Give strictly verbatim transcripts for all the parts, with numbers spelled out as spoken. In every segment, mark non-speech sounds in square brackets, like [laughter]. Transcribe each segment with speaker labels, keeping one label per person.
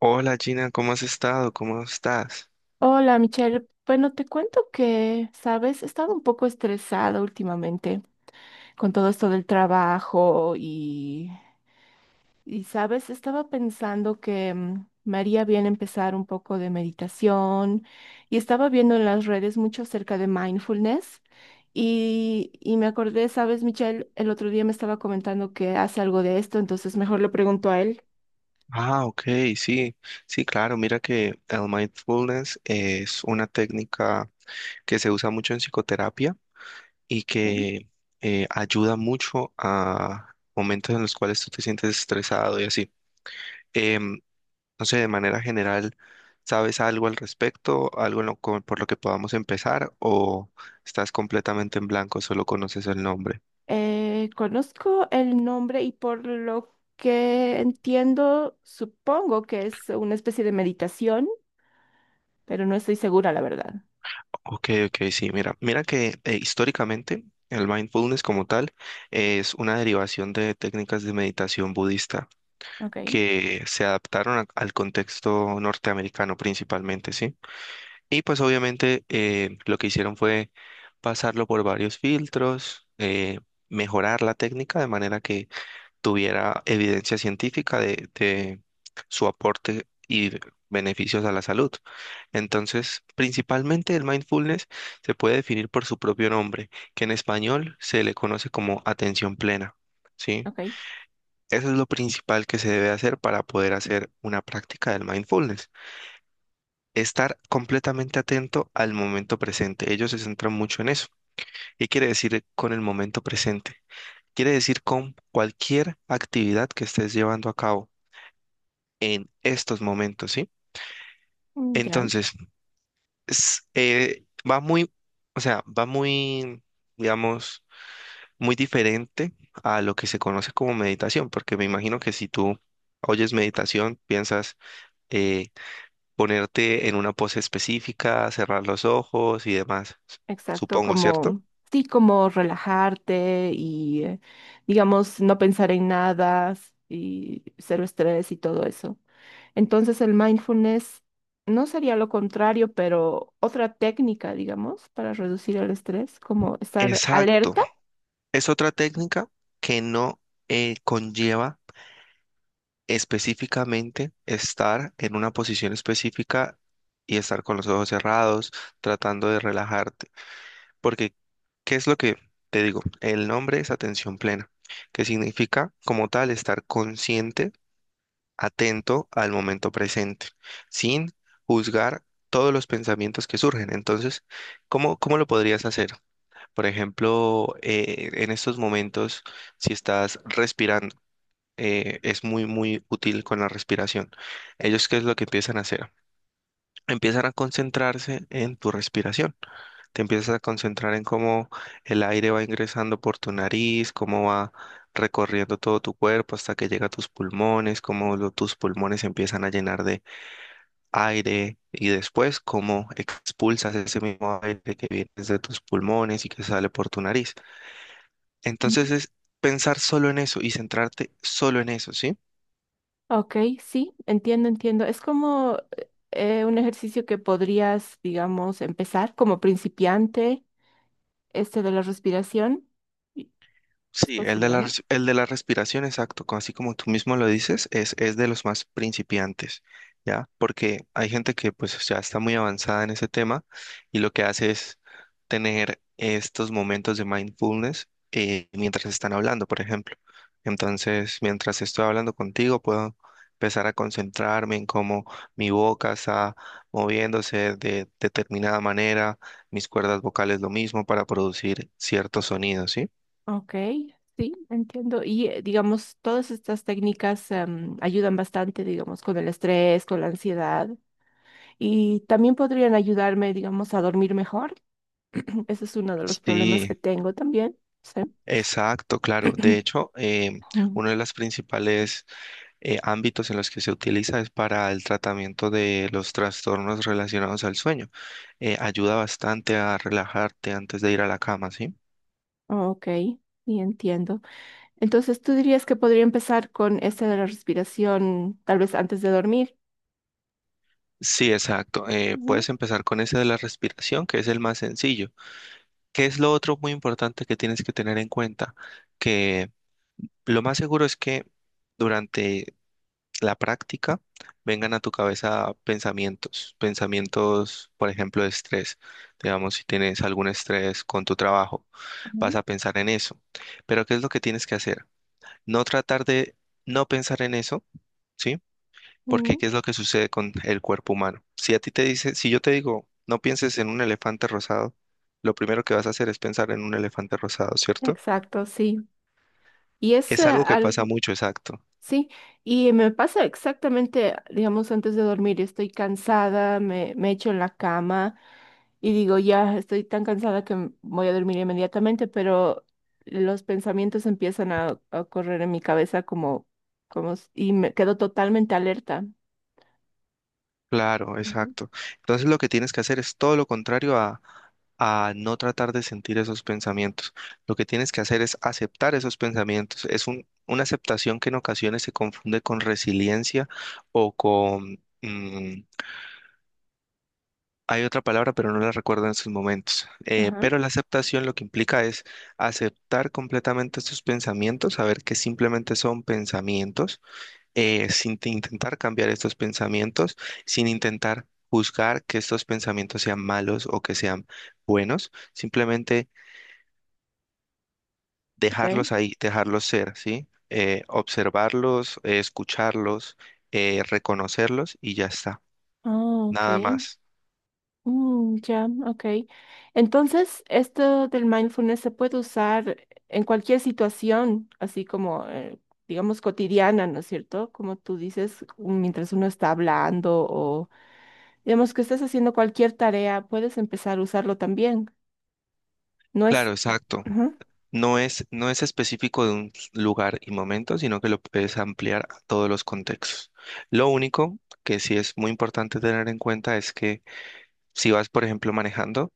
Speaker 1: Hola Gina, ¿cómo has estado? ¿Cómo estás?
Speaker 2: Hola, Michelle. Bueno, te cuento que, sabes, he estado un poco estresada últimamente con todo esto del trabajo y, y sabes, estaba pensando que mm, me haría bien empezar un poco de meditación y estaba viendo en las redes mucho acerca de mindfulness y, y me acordé, sabes, Michelle, el otro día me estaba comentando que hace algo de esto, entonces mejor le pregunto a él.
Speaker 1: Ah, ok, sí, sí, claro, mira que el mindfulness es una técnica que se usa mucho en psicoterapia y
Speaker 2: ¿Ok?
Speaker 1: que eh, ayuda mucho a momentos en los cuales tú te sientes estresado y así. Em, no sé, de manera general, ¿sabes algo al respecto? ¿Algo en lo co- por lo que podamos empezar? ¿O estás completamente en blanco, solo conoces el nombre?
Speaker 2: Eh, conozco el nombre y por lo que entiendo, supongo que es una especie de meditación, pero no estoy segura, la verdad.
Speaker 1: Ok, ok, sí, mira, mira que eh, históricamente el mindfulness como tal es una derivación de técnicas de meditación budista
Speaker 2: Ok,
Speaker 1: que se adaptaron a- al contexto norteamericano principalmente, ¿sí? Y pues obviamente eh, lo que hicieron fue pasarlo por varios filtros, eh, mejorar la técnica de manera que tuviera evidencia científica de, de su aporte y beneficios a la salud. Entonces, principalmente el mindfulness se puede definir por su propio nombre, que en español se le conoce como atención plena, ¿sí?
Speaker 2: ok,
Speaker 1: Eso es lo principal que se debe hacer para poder hacer una práctica del mindfulness. Estar completamente atento al momento presente. Ellos se centran mucho en eso. ¿Qué quiere decir con el momento presente? Quiere decir con cualquier actividad que estés llevando a cabo en estos momentos, ¿sí?
Speaker 2: mm, ya,
Speaker 1: Entonces, es, eh, va muy, o sea, va muy, digamos, muy diferente a lo que se conoce como meditación, porque me imagino que si tú oyes meditación, piensas eh, ponerte en una pose específica, cerrar los ojos y demás, s-
Speaker 2: exacto,
Speaker 1: supongo, ¿cierto?
Speaker 2: como, sí, como relajarte y, eh, digamos, no pensar en nada s- y cero estrés y todo eso. Entonces el mindfulness no sería lo contrario, pero otra técnica, digamos, para reducir el estrés, como estar
Speaker 1: Exacto.
Speaker 2: alerta.
Speaker 1: Es otra técnica que no eh, conlleva específicamente estar en una posición específica y estar con los ojos cerrados, tratando de relajarte. Porque, ¿qué es lo que te digo? El nombre es atención plena, que significa como tal estar consciente, atento al momento presente, sin juzgar todos los pensamientos que surgen. Entonces, ¿cómo, cómo lo podrías hacer? Por ejemplo, eh, en estos momentos, si estás respirando, eh, es muy, muy útil con la respiración. Ellos, ¿qué es lo que empiezan a hacer? Empiezan a concentrarse en tu respiración. Te empiezas a concentrar en cómo el aire va ingresando por tu nariz, cómo va recorriendo todo tu cuerpo hasta que llega a tus pulmones, cómo lo- tus pulmones se empiezan a llenar de aire y después cómo expulsas ese mismo aire que viene de tus pulmones y que sale por tu nariz.
Speaker 2: Ujú.
Speaker 1: Entonces es pensar solo en eso y centrarte solo en eso, ¿sí?
Speaker 2: Ok, sí, entiendo, entiendo. Es como eh, un ejercicio que podrías, digamos, empezar como principiante, este de la respiración. Y- ¿Es
Speaker 1: Sí, el de
Speaker 2: posible,
Speaker 1: la,
Speaker 2: no?
Speaker 1: res- el de la respiración, exacto, co- así como tú mismo lo dices, es, es de los más principiantes, ¿ya? Porque hay gente que pues ya está muy avanzada en ese tema y lo que hace es tener estos momentos de mindfulness eh, mientras están hablando, por ejemplo. Entonces, mientras estoy hablando contigo, puedo empezar a concentrarme en cómo mi boca está moviéndose de determinada manera, mis cuerdas vocales lo mismo para producir ciertos sonidos, ¿sí?
Speaker 2: Ok, sí, entiendo. Y eh, digamos, todas estas técnicas em, ayudan bastante, digamos, con el estrés, con la ansiedad y también podrían ayudarme, digamos, a dormir mejor. [clears throat] Ese es uno de los problemas
Speaker 1: Sí,
Speaker 2: que tengo también. Sí.
Speaker 1: exacto, claro. De
Speaker 2: [clears throat]
Speaker 1: hecho, em,
Speaker 2: Mm,
Speaker 1: uno de los principales eh, ámbitos en los que se utiliza es para el tratamiento de los trastornos relacionados al sueño. Eh, ayuda bastante a relajarte antes de ir a la cama, ¿sí?
Speaker 2: ok, sí, entiendo. Entonces, tú dirías que podría empezar con esta de la respiración, tal vez antes de dormir.
Speaker 1: Sí, exacto. Eh,
Speaker 2: Ujú,
Speaker 1: puedes empezar con ese de la respiración, que es el más sencillo. ¿Qué es lo otro muy importante que tienes que tener en cuenta? Que lo más seguro es que durante la práctica, vengan a tu cabeza pensamientos, pensamientos, por ejemplo, de estrés. Digamos, si tienes algún estrés con tu trabajo, vas
Speaker 2: ujú,
Speaker 1: a pensar en eso. Pero ¿qué es lo que tienes que hacer? No tratar de no pensar en eso, ¿sí? Porque
Speaker 2: ujú.
Speaker 1: ¿qué es lo que sucede con el cuerpo humano? Si a ti te dice, si yo te digo, no pienses en un elefante rosado, lo primero que vas a hacer es pensar en un elefante rosado, ¿cierto?
Speaker 2: Exacto, sí. Y es eh,
Speaker 1: Es algo que pasa
Speaker 2: algo.
Speaker 1: mucho, exacto.
Speaker 2: Sí, y me pasa exactamente, digamos, antes de dormir, estoy cansada, me, me echo en la cama y digo, ya estoy tan cansada que m- voy a dormir inmediatamente, pero los pensamientos empiezan a, a correr en mi cabeza como, como, s- y me quedo totalmente alerta.
Speaker 1: Claro,
Speaker 2: Ujú.
Speaker 1: exacto. Entonces lo que tienes que hacer es todo lo contrario a, a no tratar de sentir esos pensamientos. Lo que tienes que hacer es aceptar esos pensamientos. Es un- una aceptación que en ocasiones se confunde con resiliencia o con... mm, hay otra palabra, pero no la recuerdo en estos momentos. Eh,
Speaker 2: Ajá,
Speaker 1: pero la aceptación lo que implica es aceptar completamente estos pensamientos, saber que simplemente son pensamientos eh, sin te- intentar cambiar estos pensamientos, sin intentar juzgar que estos pensamientos sean malos o que sean buenos, simplemente
Speaker 2: ok.
Speaker 1: dejarlos ahí, dejarlos ser, ¿sí? Eh, observarlos, eh, escucharlos, eh, reconocerlos y ya está,
Speaker 2: Ah, ok.
Speaker 1: nada más.
Speaker 2: Mm, ya, ok. Entonces, esto del mindfulness se puede usar en cualquier situación, así como, eh, digamos, cotidiana, ¿no es cierto? Como tú dices, mientras uno está hablando o, digamos, que estés haciendo cualquier tarea, puedes empezar a usarlo también. No es...
Speaker 1: Claro, exacto.
Speaker 2: Ujú.
Speaker 1: No es, no es específico de un lugar y momento, sino que lo puedes ampliar a todos los contextos. Lo único que sí es muy importante tener en cuenta es que si vas, por ejemplo, manejando,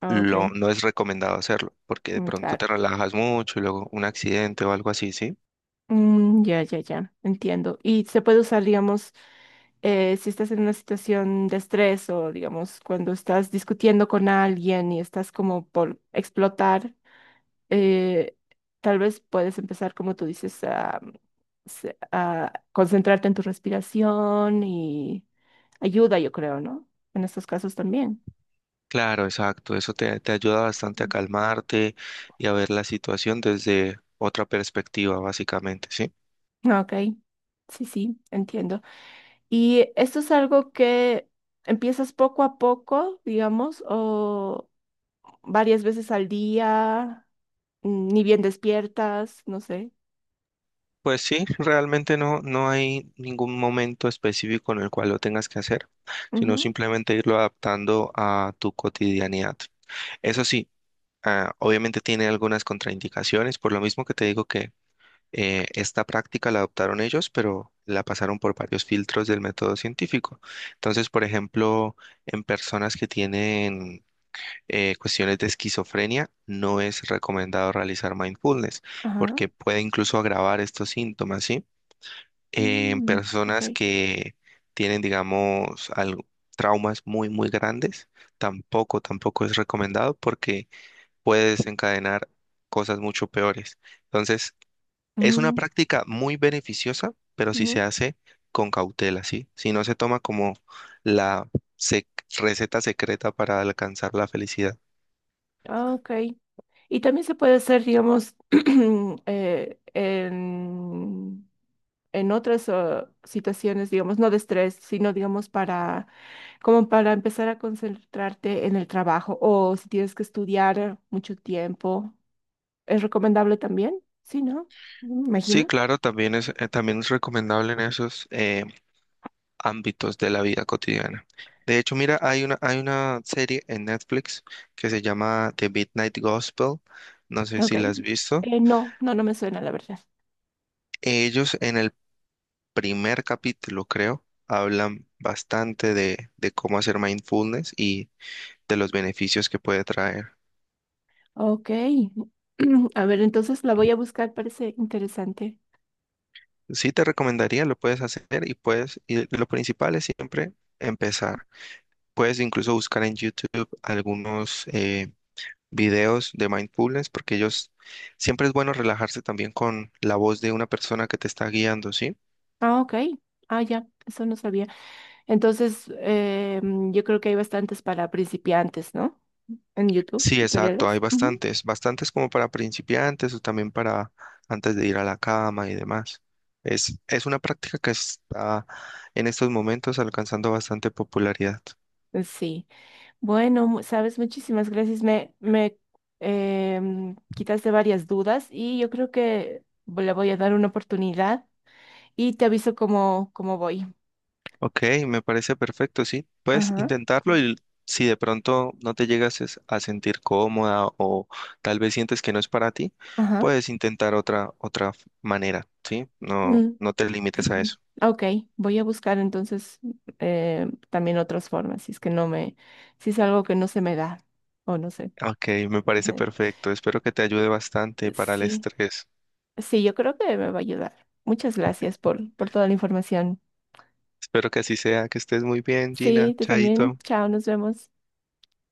Speaker 2: Ah, ok,
Speaker 1: lo, no es recomendado hacerlo, porque de
Speaker 2: mm,
Speaker 1: pronto te
Speaker 2: claro.
Speaker 1: relajas mucho y luego un accidente o algo así, ¿sí?
Speaker 2: Mm, ya, ya, ya, entiendo. Y se puede usar, digamos, eh, si estás en una situación de estrés o, digamos, cuando estás discutiendo con alguien y estás como por explotar, eh, tal vez puedes empezar, como tú dices, a, se- a concentrarte en tu respiración y ayuda, yo creo, ¿no? En estos casos también.
Speaker 1: Claro, exacto, eso te, te ayuda bastante a
Speaker 2: Mm.
Speaker 1: calmarte y a ver la situación desde otra perspectiva, básicamente, ¿sí?
Speaker 2: Ok, sí, sí, entiendo. Y esto es algo que empiezas poco a poco, digamos, o varias veces al día, mm, ni bien despiertas, no sé.
Speaker 1: Pues sí, realmente no, no hay ningún momento específico en el cual lo tengas que hacer, sino
Speaker 2: Ujú,
Speaker 1: simplemente irlo adaptando a tu cotidianidad. Eso sí, ah, obviamente tiene algunas contraindicaciones, por lo mismo que te digo que Eh, esta práctica la adoptaron ellos, pero la pasaron por varios filtros del método científico. Entonces, por ejemplo, en personas que tienen eh, cuestiones de esquizofrenia, no es recomendado realizar mindfulness
Speaker 2: ajá.
Speaker 1: porque puede incluso agravar estos síntomas, ¿sí? Eh, en
Speaker 2: Mm, ok.
Speaker 1: personas que tienen, digamos, algo- traumas muy, muy grandes, tampoco, tampoco es recomendado porque puede desencadenar cosas mucho peores. Entonces, es una
Speaker 2: Mm,
Speaker 1: práctica muy beneficiosa, pero si se
Speaker 2: ujú,
Speaker 1: hace con cautela, ¿sí? Si no se toma como la sec- receta secreta para alcanzar la felicidad.
Speaker 2: ah, ok. Y también se puede hacer, digamos, [clears throat] eh, en, en otras eh, situaciones, digamos, no de estrés, sino, digamos, para, como para empezar a concentrarte en el trabajo o si tienes que estudiar mucho tiempo. ¿Es recomendable también? Sí, ¿no? Me
Speaker 1: Sí,
Speaker 2: imagino.
Speaker 1: claro, también es, eh, también es recomendable en esos eh, ámbitos de la vida cotidiana. De hecho, mira, hay una, hay una serie en Netflix que se llama The Midnight Gospel. No sé
Speaker 2: Ok.
Speaker 1: si la has visto.
Speaker 2: Eh, no, no, no me suena, la verdad.
Speaker 1: Ellos en el primer capítulo, creo, hablan bastante de, de cómo hacer mindfulness y de los beneficios que puede traer.
Speaker 2: Ok. [clears throat] A ver, entonces la voy a buscar, parece interesante.
Speaker 1: Sí te recomendaría, lo puedes hacer y puedes, y lo principal es siempre empezar. Puedes incluso buscar en YouTube algunos eh, videos de mindfulness porque ellos siempre es bueno relajarse también con la voz de una persona que te está guiando, ¿sí?
Speaker 2: Ah, ok. Ah, ya, eso no sabía. Entonces, eh, mm, yo creo que hay bastantes para principiantes, ¿no? En YouTube,
Speaker 1: Sí, exacto, hay
Speaker 2: tutoriales. Ujú.
Speaker 1: bastantes, bastantes como para principiantes o también para antes de ir a la cama y demás. Es, es una práctica que está en estos momentos alcanzando bastante popularidad.
Speaker 2: Sí. Bueno, mu- sabes, muchísimas gracias. Me, me em, quitaste varias dudas y yo creo que mm, le voy a dar una oportunidad y te aviso cómo, cómo voy.
Speaker 1: Ok, me parece perfecto, sí. Puedes
Speaker 2: Ajá,
Speaker 1: intentarlo y si de pronto no te llegas es- a sentir cómoda o tal vez sientes que no es para ti,
Speaker 2: ajá.
Speaker 1: puedes intentar otra otra f- manera, ¿sí? No,
Speaker 2: Mm,
Speaker 1: no te limites a
Speaker 2: [clears throat]
Speaker 1: eso.
Speaker 2: ok, voy a buscar entonces eh, también otras formas, si es que no me, si es algo que no se me da, o no sé.
Speaker 1: Ok, me
Speaker 2: [laughs]
Speaker 1: parece
Speaker 2: Ujú.
Speaker 1: perfecto. Espero que te ayude bastante para el
Speaker 2: Sí,
Speaker 1: estrés.
Speaker 2: sí, yo creo que me va a ayudar. Muchas gracias por, por toda la información.
Speaker 1: Espero que así sea, que estés muy bien,
Speaker 2: Sí,
Speaker 1: Gina.
Speaker 2: tú también.
Speaker 1: Chaito.
Speaker 2: Chao, nos vemos.